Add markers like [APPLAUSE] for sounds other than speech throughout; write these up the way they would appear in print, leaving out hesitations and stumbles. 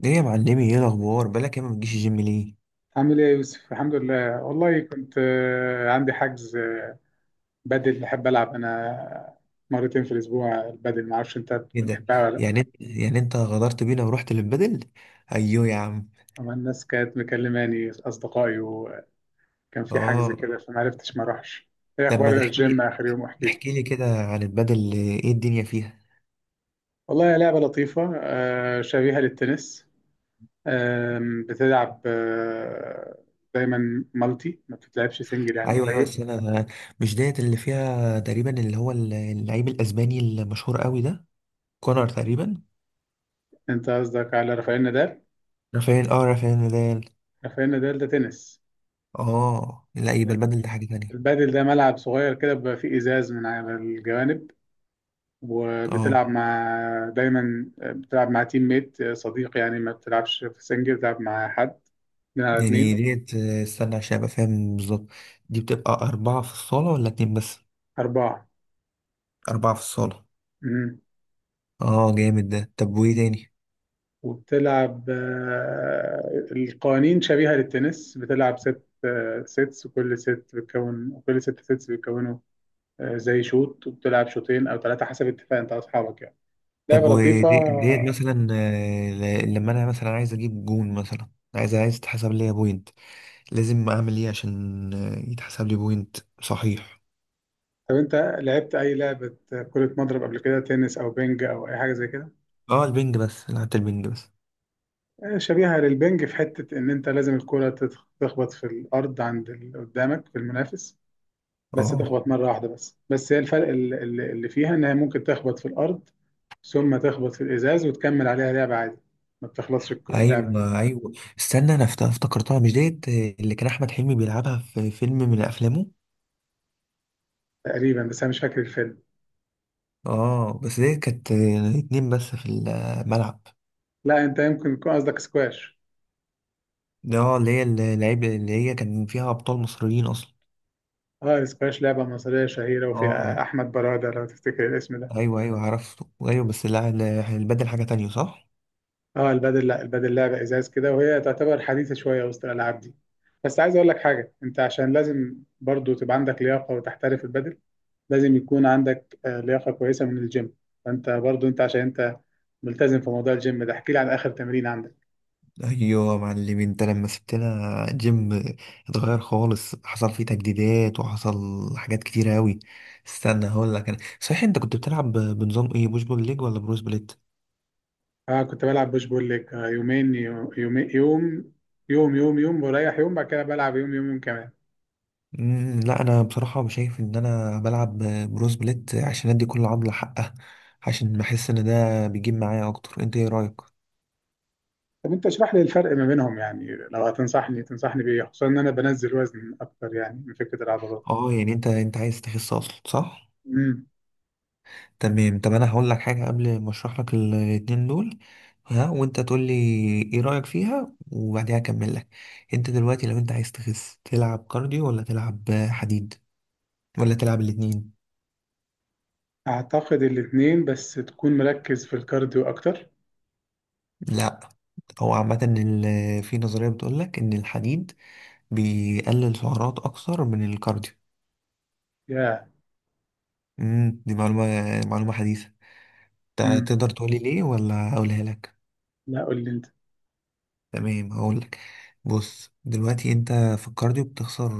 ليه يا معلمي؟ ايه الاخبار؟ بالك يا ما بتجيش الجيم ليه؟ عامل ايه يا يوسف؟ الحمد لله. والله كنت عندي حجز. بدل، بحب العب انا مرتين في الاسبوع. البدل، ما اعرفش انت ايه ده؟ بتحبها ولا لا؟ يعني انت غدرت بينا ورحت للبدل. ايوه يا عم. أما الناس كانت مكلماني اصدقائي، وكان في حجز اه. كده فما عرفتش ما اروحش. ايه لما اخبار تحكي الجيم؟ لي، اخر يوم احكي لي. احكي لي كده عن البدل، ايه الدنيا فيها. والله لعبه لطيفه، شبيهه للتنس. بتلعب دايما مالتي، ما بتتلعبش سنجل، يعني ايوه ايوه، قليل. بس انا مش ديت اللي فيها تقريبا، اللي هو اللعيب الاسباني المشهور قوي ده، كونر تقريبا. انت قصدك على رافائيل نادال؟ رافائيل، اه، رافائيل نادال. رافائيل نادال ده تنس. اه لا، يبقى البدل ده حاجه تانية. البادل ده ملعب صغير كده بيبقى فيه إزاز من على الجوانب، اه وبتلعب مع. دايما بتلعب مع تيم ميت، صديق يعني، ما بتلعبش في سنجل، بتلعب مع حد، اتنين على يعني اتنين. ديت، استنى عشان ابقى فاهم بالظبط. دي بتبقى اربعه في الصاله ولا اتنين بس؟ أربعة. اربعه في الصاله. مم. اه جامد ده، طب وايه تاني؟ وبتلعب، القوانين شبيهة للتنس، بتلعب ست سيتس، وكل ست بتكون كل ست سيتس بيتكونوا زي شوط، وبتلعب شوطين أو ثلاثة حسب اتفاق أنت وأصحابك، يعني طب لعبة لطيفة. وديت مثلا، لما انا مثلا عايز اجيب جون مثلا، عايز تحسب لي بوينت، لازم اعمل ايه عشان يتحسب لي بوينت؟ صحيح. طب انت لعبت اي لعبة كرة مضرب قبل كده؟ تنس او بينج او اي حاجة زي كده. اه البنج، بس لعبة البنج بس. شبيهة للبينج في حتة ان انت لازم الكرة تخبط في الارض عند اللي قدامك في المنافس، بس اه تخبط مرة واحدة بس، هي الفرق اللي فيها ان هي ممكن تخبط في الارض، ثم تخبط في الازاز وتكمل عليها لعبة عادي، ما بتخلصش اللعبة. ايوه ايوه، استنى انا افتكرتها، مش ديت اللي كان احمد حلمي بيلعبها في فيلم من افلامه؟ تقريبا بس انا مش فاكر الفيلم. اه بس ديت كانت اتنين بس في الملعب. لا، انت يمكن يكون قصدك سكواش. اه اللي هي اللعيبه، اللي هي كان فيها ابطال مصريين اصلا. اه، سكواش لعبة مصرية شهيرة، اه وفيها احمد برادة لو تفتكر الاسم ده. ايوه ايوه عرفته، ايوه، بس لا لا، احنا بنبدل حاجه تانية صح. اه البادل، لا البادل لعبه ازاز كده، وهي تعتبر حديثه شويه وسط الالعاب دي. بس عايز اقول لك حاجه، انت عشان لازم برضو تبقى عندك لياقه وتحترف البادل، لازم يكون عندك لياقه كويسه من الجيم. فانت برضو انت عشان انت ملتزم في موضوع الجيم ده. احكي لي عن اخر تمرين عندك. ايوه يا معلم، انت لما سبتنا جيم اتغير خالص، حصل فيه تجديدات وحصل حاجات كتيره قوي. استنى هقول لك، انا صحيح، انت كنت بتلعب بنظام ايه، بوش بول ليج ولا بروس بليت؟ اه، كنت بلعب بوش بول ليج، يومين يومين، يوم يوم يوم، يوم بريح يوم، بعد كده بلعب يوم يوم يوم كمان. مم، لا انا بصراحه شايف ان انا بلعب بروس بليت عشان ادي كل عضله حقها، عشان بحس ان ده بيجيب معايا اكتر، انت ايه رايك؟ طب انت اشرح لي الفرق ما بينهم، يعني لو تنصحني بايه، خصوصا ان انا بنزل وزن اكتر، يعني من فكره العضلات. اه يعني انت عايز تخس اصلا صح. امم. تمام، طب انا هقول لك حاجه قبل ما اشرح لك الاتنين دول، ها، وانت تقول لي ايه رايك فيها، وبعديها اكمل لك. انت دلوقتي لو انت عايز تخس، تلعب كارديو ولا تلعب حديد ولا تلعب الاتنين؟ اعتقد الاثنين، بس تكون مركز في الكارديو اكتر. لا، هو عامه في نظريه بتقول لك ان الحديد بيقلل سعرات اكثر من الكارديو. يا دي معلومه، معلومه حديثه. امم. تقدر تقول لي ليه ولا اقولها لك؟ لا، قول لي انت. تمام هقول لك. بص دلوقتي انت في الكارديو بتخسر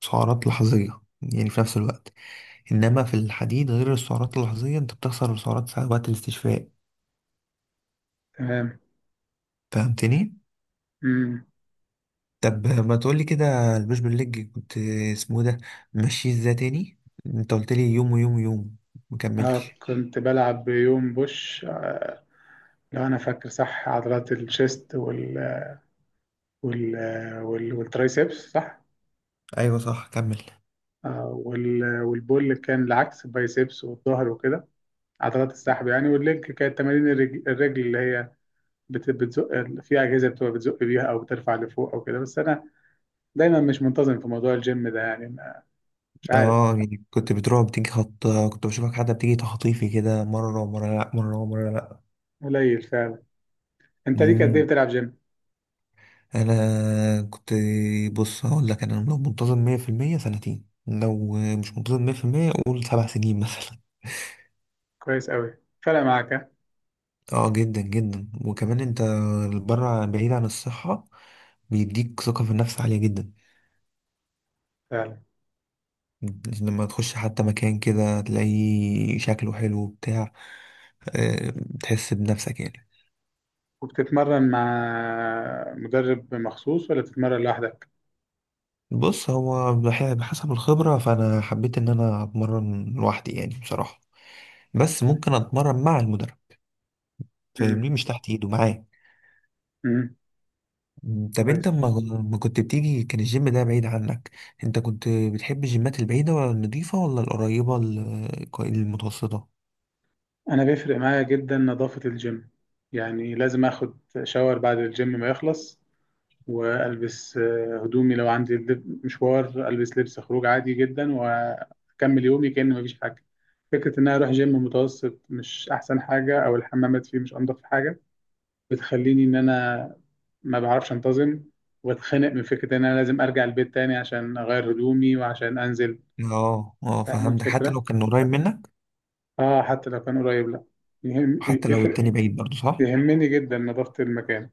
سعرات لحظية، يعني في نفس الوقت، إنما في الحديد غير السعرات اللحظية أنت بتخسر السعرات ساعة وقت الاستشفاء. تمام. فهمتني؟ امم. طب ما تقولي كده، البوش بالليج كنت، اسمه إيه ده، ماشي ازاي تاني؟ أنت قلت لي يوم ويوم ويوم، اه، مكملتش. كنت بلعب يوم بوش، لو انا فاكر صح، عضلات الشيست وال والترايسبس صح؟ أيوة صح، كمل. والبول كان العكس، البايسبس والظهر وكده، عضلات السحب يعني. والليج كانت تمارين الرجل، اللي هي بتزق في اجهزه، بتبقى بتزق بيها او بترفع لفوق او كده. بس انا دايما مش منتظم في موضوع الجيم ده، يعني مش عارف. اه يعني كنت بتروح بتيجي خط، كنت بشوفك حد بتيجي تخطيفي كده، مرة ومرة لأ، مرة ومرة لأ. قليل فعلا. انت ليك قد ايه مم. بتلعب جيم؟ انا كنت، بص هقول لك، انا لو منتظم 100% سنتين، لو مش منتظم 100% قول سبع سنين مثلا. كويس قوي. فرق معاك ها؟ [LAUGHS] اه جدا جدا، وكمان انت بره بعيد عن الصحة، بيديك ثقة في النفس عالية جدا، فعلا. لما تخش حتى مكان كده تلاقيه شكله حلو بتاع، آه، تحس بنفسك يعني. وبتتمرن مع مدرب مخصوص ولا بتتمرن لوحدك؟ بص، هو بحسب الخبرة، فأنا حبيت إن أنا أتمرن لوحدي يعني، بصراحة، بس ممكن أتمرن مع المدرب، امم. فاهمني، مش تحت إيده معاه. امم. مم، طب انت كويس. ما كنت بتيجي، كان الجيم ده بعيد عنك؟ انت كنت بتحب الجيمات البعيدة ولا النضيفة ولا القريبة المتوسطة؟ انا بيفرق معايا جدا نظافة الجيم، يعني لازم اخد شاور بعد الجيم ما يخلص، والبس هدومي. لو عندي مشوار، البس لبس خروج عادي جدا، واكمل يومي كأن مفيش حاجة. فكرة ان انا اروح جيم متوسط مش احسن حاجة، او الحمامات فيه مش انضف حاجة، بتخليني ان انا ما بعرفش انتظم، واتخنق من فكره ان انا لازم ارجع البيت تاني عشان اغير هدومي وعشان انزل. اه اه فاهم فهمتك، حتى الفكره. لو كان قريب منك، اه، حتى لو كان قريب، لا يهم، وحتى لو يفرق. التاني بعيد برضه صح. يهمني جدا نظافه المكان.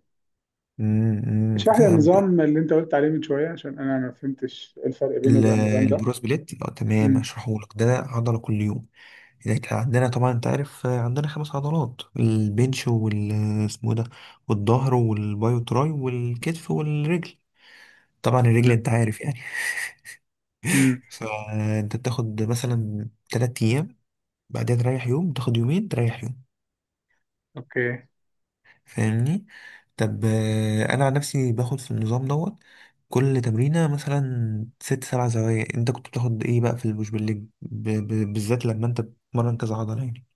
امم، أمم، اشرح لي فهمتك. النظام اللي انت قلت عليه من شويه، عشان انا ما فهمتش إيه الفرق بينه ال- وبين النظام ده. البروس بليت، اه تمام امم. هشرحهولك. ده عضلة كل يوم، اذا كان عندنا، طبعا انت عارف، عندنا خمس عضلات، البنش وال، اسمه إيه ده، والظهر والباي والتراي والكتف والرجل، طبعا الرجل تمام. انت عارف يعني. امم. فانت بتاخد مثلا تلات ايام، بعدها تريح يوم، تاخد يومين تريح يوم، اوكي. فاهمني. طب انا عن نفسي باخد في النظام دوت كل تمرينة مثلا ست سبع زوايا، انت كنت بتاخد ايه بقى في البوش بالليج بالذات لما انت بتتمرن كذا عضلة يعني؟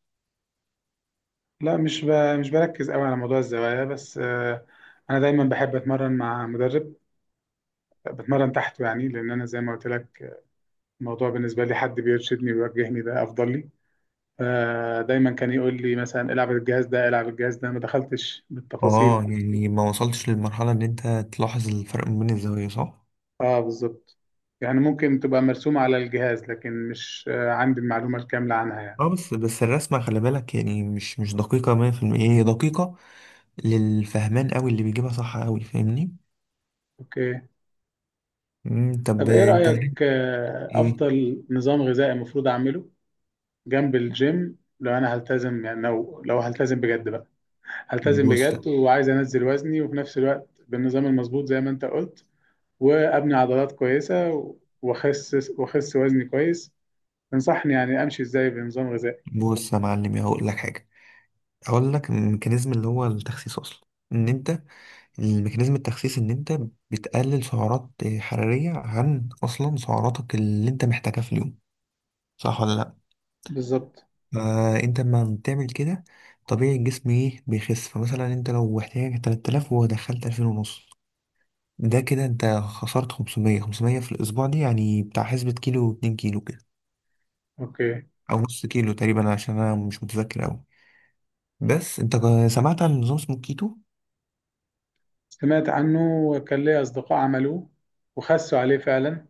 لا، مش بركز قوي على موضوع الزوايا، بس انا دايما بحب اتمرن مع مدرب، بتمرن تحته، يعني لان انا زي ما قلت لك الموضوع بالنسبة لي، حد بيرشدني ويوجهني ده أفضل لي. فدايما كان يقول لي مثلا العب الجهاز ده، العب الجهاز ده، ما دخلتش بالتفاصيل. اه يعني ما وصلتش للمرحلة ان انت تلاحظ الفرق ما بين الزوايا صح؟ اه، بالظبط. يعني ممكن تبقى مرسومة على الجهاز، لكن مش عندي المعلومة الكاملة عنها يعني. اه بس بس الرسمة خلي بالك، يعني مش دقيقة 100%، هي دقيقة للفهمان قوي اللي بيجيبها صح قوي، فاهمني؟ اوكي. مم، طب طب ايه انت رأيك، ايه؟ أفضل نظام غذائي المفروض أعمله جنب الجيم، لو أنا هلتزم يعني، لو هلتزم بجد بقى، هلتزم بص بجد، وعايز أنزل وزني، وفي نفس الوقت بالنظام المظبوط زي ما أنت قلت، وابني عضلات كويسه، واخس وزني كويس. تنصحني يعني امشي ازاي بنظام غذائي؟ بص يا معلم، ايه، هقول لك حاجه. هقول لك الميكانيزم اللي هو التخسيس اصلا، ان انت ان انت بتقلل سعرات حراريه عن اصلا سعراتك اللي انت محتاجها في اليوم، صح ولا لا؟ بالظبط. فانت لما بتعمل كده، طبيعي الجسم ايه، بيخس. فمثلا انت لو احتاجك 3000 ودخلت 2000 ونص، ده كده انت خسرت 500 500 في الاسبوع، دي يعني بتاع حسبة كيلو، 2 كيلو كده اوكي. او نص كيلو تقريبا، عشان انا مش متذكر اوي. بس انت سمعت عن نظام اسمه كيتو؟ سمعت عنه، وكان لي اصدقاء عملوه، وخسوا عليه فعلا،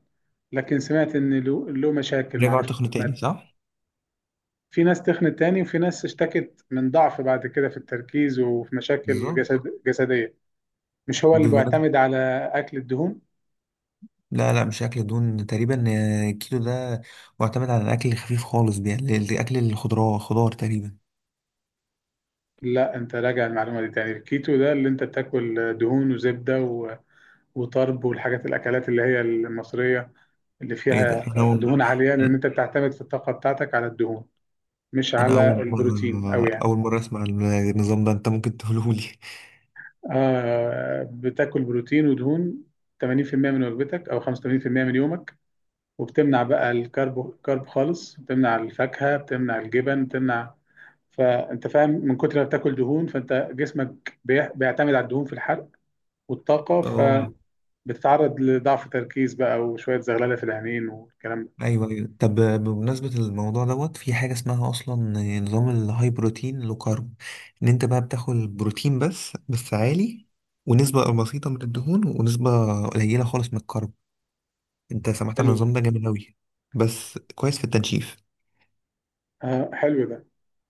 لكن سمعت ان له مشاكل، رجعوا معرفش. تخنوا تاني سمعت صح؟ في ناس تخنت تاني، وفي ناس اشتكت من ضعف بعد كده في التركيز، وفي مشاكل بالظبط. جسديه. مش هو اللي بمناسبة، بيعتمد على اكل الدهون؟ لا لا، مش أكل دهون تقريبا، الكيتو ده معتمد على الأكل الخفيف خالص، يعني أكل الخضراء، خضار تقريبا. لا، انت راجع المعلومه دي تاني. الكيتو ده اللي انت بتاكل دهون وزبده وطرب، والحاجات الاكلات اللي هي المصريه اللي إيه ده، فيها أنا أول دهون عاليه، لان انت بتعتمد في الطاقه بتاعتك على الدهون، مش أنا على أول البروتين مرة قوي يعني. أول مرة أسمع عن النظام ده، أنت ممكن تقوله لي؟ بتاكل بروتين ودهون 80% من وجبتك او 85% من يومك، وبتمنع بقى كرب خالص، بتمنع الفاكهه، بتمنع الجبن، بتمنع. فانت فاهم، من كتر ما بتاكل دهون فانت جسمك بيعتمد على الدهون في الحرق والطاقه، فبتتعرض أه لضعف تركيز بقى، وشويه زغلله في العينين والكلام ده. ايوه ايوه، طب بمناسبه الموضوع دوت، في حاجه اسمها اصلا نظام الهاي بروتين لو كارب، ان انت بقى بتاكل بروتين بس عالي، ونسبه بسيطه من الدهون، ونسبه قليله خالص من الكارب، انت سمعت عن حلو. النظام ده؟ جامد قوي، بس كويس في التنشيف. آه، حلو ده،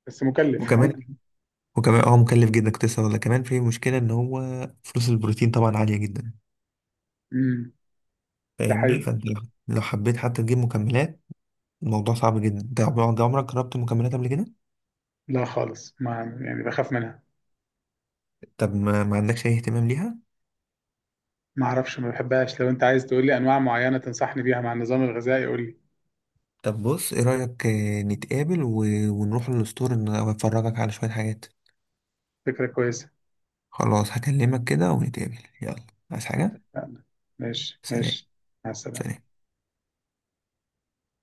بس مكلف. وكمان وكمان اه مكلف جدا، كنت لسه هقول لك كمان، في مشكله ان هو فلوس البروتين طبعا عاليه جدا، [LAUGHS] امم. ده فاهمني. حقيقي. فانت لو حبيت حتى تجيب مكملات، الموضوع صعب جدا، انت عمرك جربت مكملات قبل كده؟ لا خالص، ما يعني بخاف منها. طب ما عندكش اي اهتمام ليها؟ ما اعرفش، ما بحبهاش. لو انت عايز تقول لي انواع معينة تنصحني بيها مع النظام الغذائي قول لي. طب بص ايه رأيك، نتقابل و، ونروح للاسطور ان افرجك على شوية حاجات. فكرة كويسة. خلاص هكلمك كده ونتقابل، يلا، عايز [LAUGHS] حاجة؟ اتفقنا. ماشي سلام. ماشي. مع السلامة. سلام.